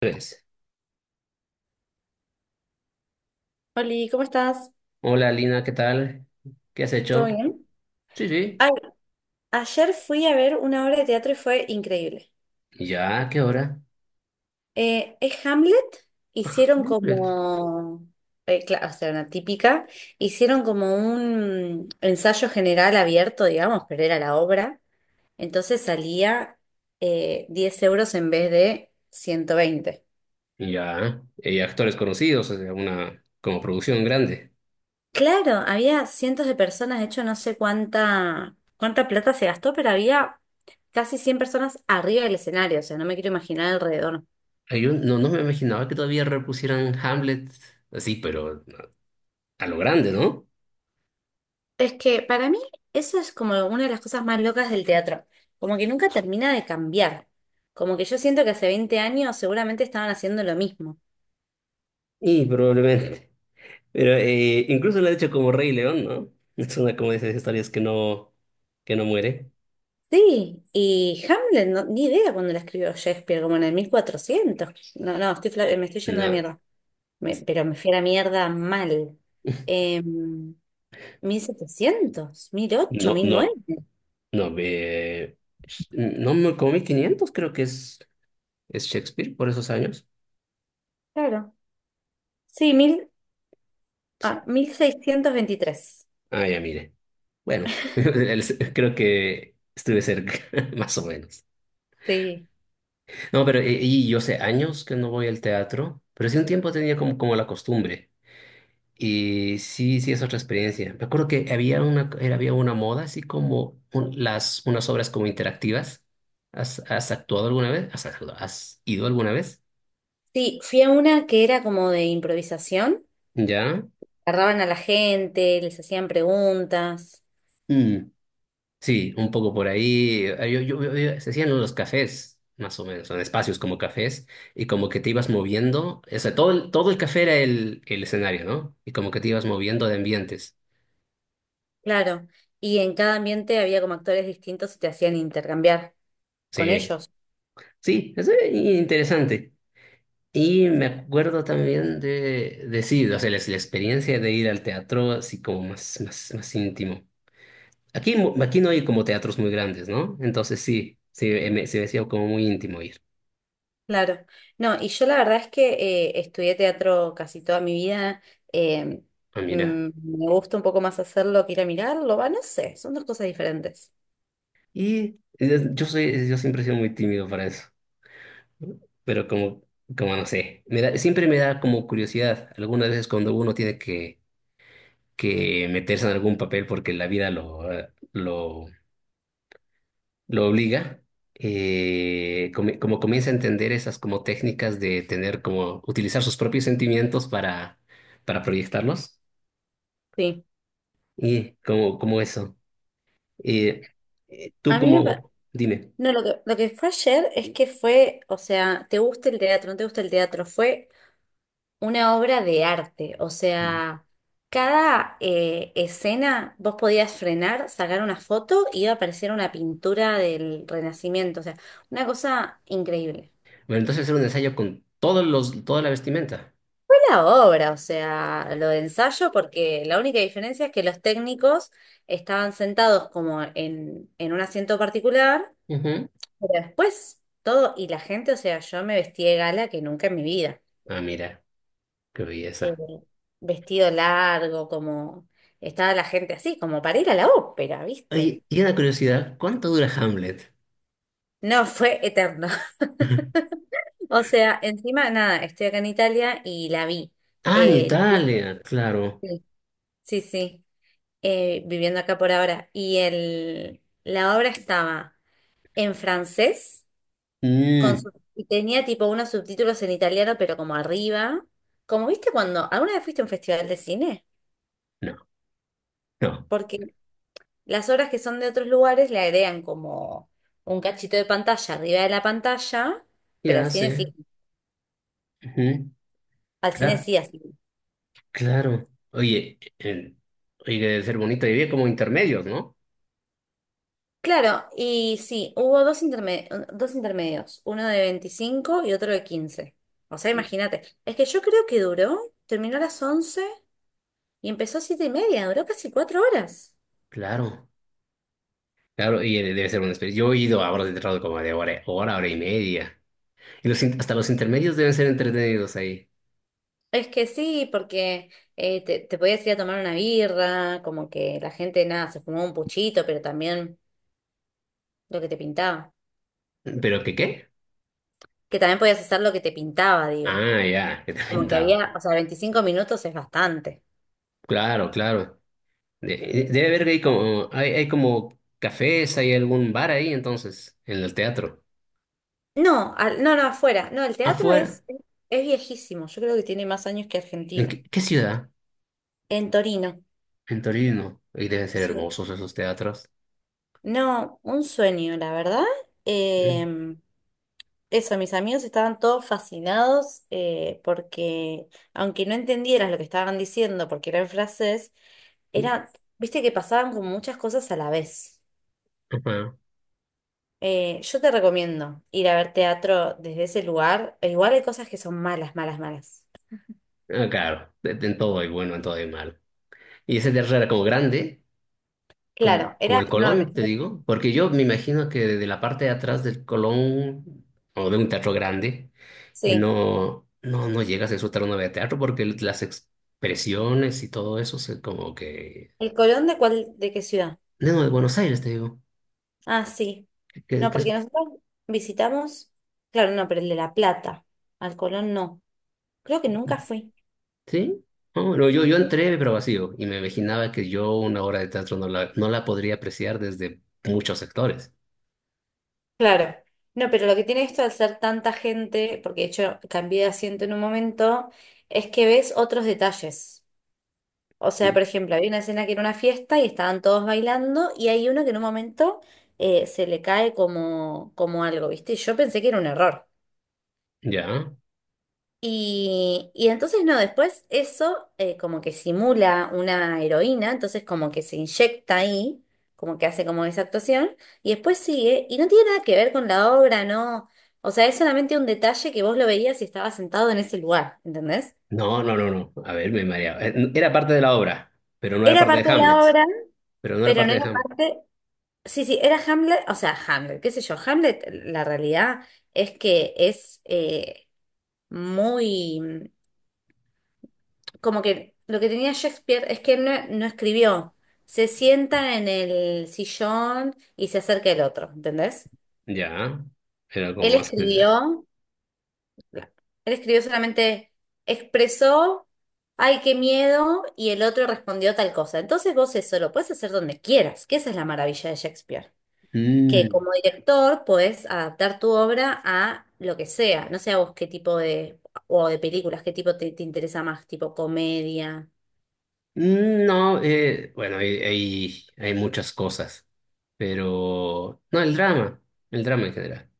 Tres. Oli, ¿cómo estás? Hola Lina, ¿qué tal? ¿Qué has ¿Todo hecho? bien? Sí, sí. Ay, ayer fui a ver una obra de teatro y fue increíble. ¿Y ya? ¿Qué hora? Es Hamlet. Ah, Hicieron no, hombre. como, o sea, una típica. Hicieron como un ensayo general abierto, digamos, pero era la obra. Entonces salía 10 euros en vez de 120. Y ya. Y actores conocidos, o sea, una como producción grande. Claro, había cientos de personas. De hecho, no sé cuánta plata se gastó, pero había casi 100 personas arriba del escenario. O sea, no me quiero imaginar alrededor. Ay, yo no me imaginaba que todavía repusieran Hamlet así, pero a lo grande, ¿no? Es que para mí eso es como una de las cosas más locas del teatro, como que nunca termina de cambiar, como que yo siento que hace 20 años seguramente estaban haciendo lo mismo. Y probablemente. Pero incluso lo ha hecho como Rey León, ¿no? Es una como de esas historias que no muere. Sí, y Hamlet, no- ni idea cuando la escribió Shakespeare, como en el 1400. No, no, estoy, fla- me estoy yendo a la No, mierda. Pero me fui a la mierda mal. Em, 1700, mil no, no, 1900. no, no me comí 500, creo que es. ¿Es Shakespeare por esos años? Claro. Sí, 1623. Ah, ya mire. Bueno, creo que estuve cerca, más o menos. Sí. No, pero y yo sé años que no voy al teatro, pero sí un tiempo tenía como la costumbre. Y sí, sí es otra experiencia. Me acuerdo que había una moda así como unas obras como interactivas. ¿Has actuado alguna vez? ¿Has ido alguna vez? Sí, fui a una que era como de improvisación. ¿Ya? Agarraban a la gente, les hacían preguntas. Mm. Sí, un poco por ahí. Se hacían unos cafés, más o menos, en espacios como cafés, y como que te ibas moviendo. O sea, todo el café era el escenario, ¿no? Y como que te ibas moviendo de ambientes. Claro. Y en cada ambiente había como actores distintos y te hacían intercambiar con Sí, ellos. sí, es interesante. Y me acuerdo también de sí, o sea, la experiencia de ir al teatro así como más, más, más íntimo. Aquí no hay como teatros muy grandes, ¿no? Entonces sí, sí, se me hacía como muy íntimo ir. Claro. No, y yo la verdad es que estudié teatro casi toda mi vida. eh, Ah, mira. Me gusta un poco más hacerlo que ir a mirarlo. Va, no sé, son dos cosas diferentes. Y yo siempre he sido muy tímido para eso, pero como no sé, me da, siempre me da como curiosidad. Algunas veces cuando uno tiene que meterse en algún papel porque la vida lo obliga, como comienza a entender esas como técnicas de tener como utilizar sus propios sentimientos para proyectarlos Sí. y como eso. Eh, eh, tú A mí me, pa- como, dime. No, lo que fue ayer es que fue, o sea, te gusta el teatro, no te gusta el teatro. Fue una obra de arte. O Bueno, sea, cada escena vos podías frenar, sacar una foto y iba a aparecer una pintura del Renacimiento. O sea, una cosa increíble. entonces hacer un ensayo con toda la vestimenta. Fue la obra, o sea, lo de ensayo, porque la única diferencia es que los técnicos estaban sentados como en un asiento particular, Ujú. pero después todo, y la gente, o sea, yo me vestí de gala que nunca en mi vida. Ah, mira, qué eh, belleza. Vestido largo, como estaba la gente así, como para ir a la ópera, ¿viste? Oye, y una curiosidad, ¿cuánto dura Hamlet? No, fue eterno. O sea, encima, nada, estoy acá en Italia y la vi. Ah, en Eh, El- día- Italia, claro. sí, sí, viviendo acá por ahora. Y la obra estaba en francés Mm, y tenía tipo unos subtítulos en italiano, pero como arriba. Como viste cuando, ¿alguna vez fuiste a un festival de cine? no, no. Porque las obras que son de otros lugares le agregan como un cachito de pantalla arriba de la pantalla, pero Ya sé. Ujú. al cine Cla- sí así. claro. Oye, debe ser bonito vivir como intermedios, ¿no? Claro, y sí, hubo dos, dos intermedios, uno de 25 y otro de 15. O sea, imagínate, es que yo creo que duró, terminó a las 11 y empezó a 7:30, duró casi 4 horas. Claro, claro, y debe ser una experiencia. Yo he ido a horas de trabajo como de hora, hora, hora y media. Y hasta los intermedios deben ser entretenidos ahí. Es que sí, porque te podías ir a tomar una birra, como que la gente, nada, se fumó un puchito, pero también lo que te pintaba. ¿Pero qué qué? Que también podías hacer lo que te pintaba, digo. Ah, ya, que te Como que aventaba. había, o sea, 25 minutos es bastante. Claro, claro. De- Debe haber ahí como, hay como cafés, hay algún bar ahí entonces, en el teatro. No, no, no, afuera. No, el teatro Afuera, es viejísimo. Yo creo que tiene más años que ¿en Argentina. qué ciudad? En Torino. En Torino. Y deben ser Sí. hermosos esos teatros. No, un sueño, la verdad. Eh, Mm, Eso, mis amigos estaban todos fascinados porque, aunque no entendieras lo que estaban diciendo porque era en francés, mm, era, viste que pasaban como muchas cosas a la vez. ajá. Yo te recomiendo ir a ver teatro desde ese lugar. E igual hay cosas que son malas, malas, malas. Ah, claro, en todo hay bueno, en todo hay malo. Y ese teatro era como grande, Claro, como era el enorme. Colón, te digo, porque yo me imagino que de la parte de atrás del Colón, o de un teatro grande, y Sí. no llegas a disfrutar una obra de teatro porque las expresiones y todo eso se como que. ¿El Colón de cuál, de qué ciudad? No, de Buenos Aires te digo. Ah, sí. Que, No, que es-. porque nosotros visitamos, claro, no, pero el de La Plata. Al Colón no. Creo que nunca fui. ¿Sí? No, no, yo Sí. entré pero vacío y me imaginaba que yo una obra de teatro no la, no la podría apreciar desde muchos sectores. Claro. No, pero lo que tiene esto al ser tanta gente, porque de hecho cambié de asiento en un momento, es que ves otros detalles. O sea, por ejemplo, había una escena que era una fiesta y estaban todos bailando y hay uno que en un momento se le cae como, como algo, ¿viste? Y yo pensé que era un error. ¿Ya? Y entonces no, después eso como que simula una heroína, entonces como que se inyecta ahí, como que hace como esa actuación, y después sigue, y no tiene nada que ver con la obra, no. O sea, es solamente un detalle que vos lo veías si estabas sentado en ese lugar, ¿entendés? No, no, no, no. A ver, me mareaba. Era parte de la obra, pero no era Era parte de parte de Hamlet. la obra, Pero no era pero no parte era de Hamlet. parte. Sí, sí, era Hamlet. O sea, Hamlet, qué sé yo, Hamlet, la realidad es que es muy, como que lo que tenía Shakespeare es que él no, no escribió, se sienta en el sillón y se acerca el otro, ¿entendés? ¿Ya? Era como Él más general. escribió, él escribió solamente, expresó, ay, qué miedo, y el otro respondió tal cosa. Entonces vos eso lo puedes hacer donde quieras, que esa es la maravilla de Shakespeare. Que Mm, como director podés adaptar tu obra a lo que sea. No sé a vos qué tipo de, o de películas, qué tipo te interesa más, tipo comedia. mm, no, bueno, hay muchas cosas, pero. No, el drama. El drama en general.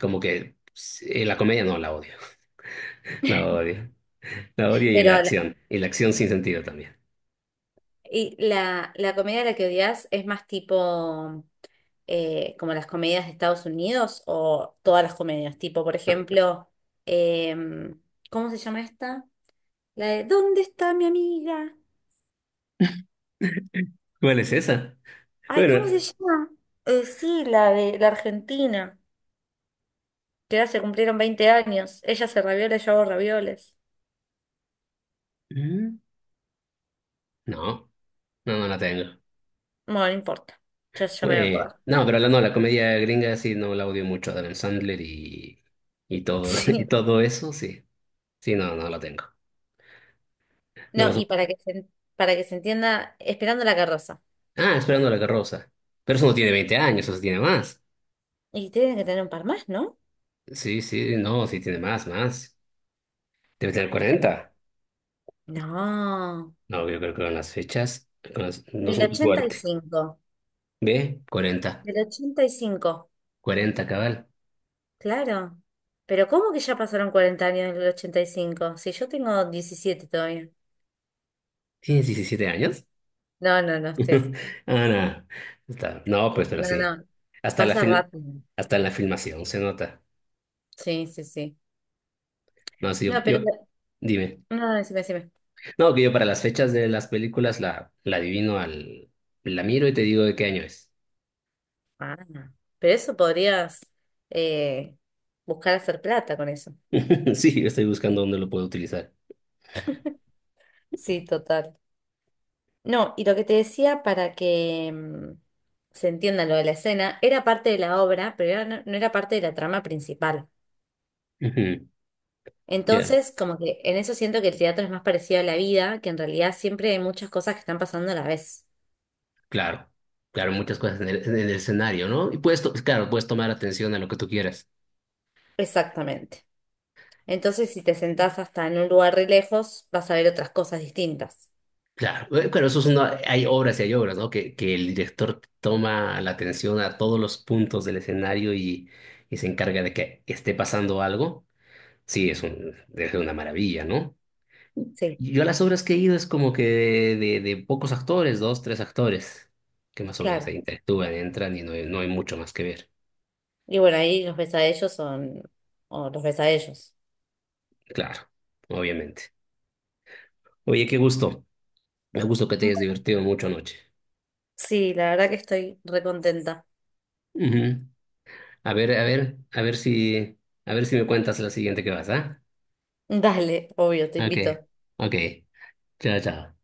Como que pues, la comedia no la odio. La odio. La odio y la Pero acción. Y la acción sin sentido también. La comedia a la que odias es más tipo como las comedias de Estados Unidos o todas las comedias. Tipo, por ejemplo, em, ¿cómo se llama esta? La de ¿Dónde está mi amiga? ¿Cuál es esa? Ay, ¿cómo se Bueno, llama? Sí, la de la Argentina. Que ya se cumplieron 20 años. Ella hace ravioles, yo hago ravioles. ¿Mm? No, no, no la tengo. Bueno, no importa. Yo me voy a Bueno, acordar. no, pero la, no, la comedia gringa sí no la odio mucho. Adam Sandler y todo, y Sí. todo eso, sí. Sí, no, no la tengo. No No, lo y supo. Para que se entienda, esperando la carroza. Ah, Esperando la carroza. Pero eso no tiene 20 años, eso sí tiene más. Y tienen que tener un par más, ¿no? Sí, sí, no, sí tiene más, más. Debe tener Ay, 40. tremendo. No. No, yo creo que con las fechas, no Del son tu ochenta y fuerte. cinco. ¿Ve? 40, Del 85. 40, cabal. Claro. Pero ¿cómo que ya pasaron 40 años del 85? Si yo tengo 17 todavía. ¿Tienes 17 años? No, no, no, estés. Ah, no. No, pues, pero No, sí. no. No. Hasta la Pasa fil- rápido. Hasta en la filmación se nota. Sí, sí, sí. No, sí, No, pero... dime. No, no, decime, decime. No, que yo para las fechas de las películas la adivino la miro y te digo de qué año es. Ah, pero eso podrías eh, buscar hacer plata con eso. Sí, yo estoy buscando dónde lo puedo utilizar. Sí, total. No, y lo que te decía para que se entienda lo de la escena, era parte de la obra, pero era- no, no era parte de la trama principal. Ujú, ya, Entonces, como que en eso siento que el teatro es más parecido a la vida, que en realidad siempre hay muchas cosas que están pasando a la vez. claro. Claro, muchas cosas en el escenario, ¿no? Y claro, puedes tomar atención a lo que tú quieras. Exactamente. Entonces, si te sentás hasta en un lugar re lejos, vas a ver otras cosas distintas. Claro, pero eso hay obras y hay obras, ¿no? Que el director toma la atención a todos los puntos del escenario y se encarga de que esté pasando algo. Sí, debe ser una maravilla, ¿no? Sí, Y yo a las obras que he ido es como que de pocos actores, dos, tres actores, que más o menos se claro. interactúan, entran y no hay mucho más que ver. Y bueno, ahí los ves a ellos son, o los ves a ellos. Claro, obviamente. Oye, qué gusto. Me gusto que te hayas Bueno, divertido mucho anoche. sí, la verdad que estoy recontenta. Ujú. A ver, a ver, a ver si me cuentas la siguiente que vas, ¿ah? Dale, obvio, te Ok, invito. ok. Chao, chao.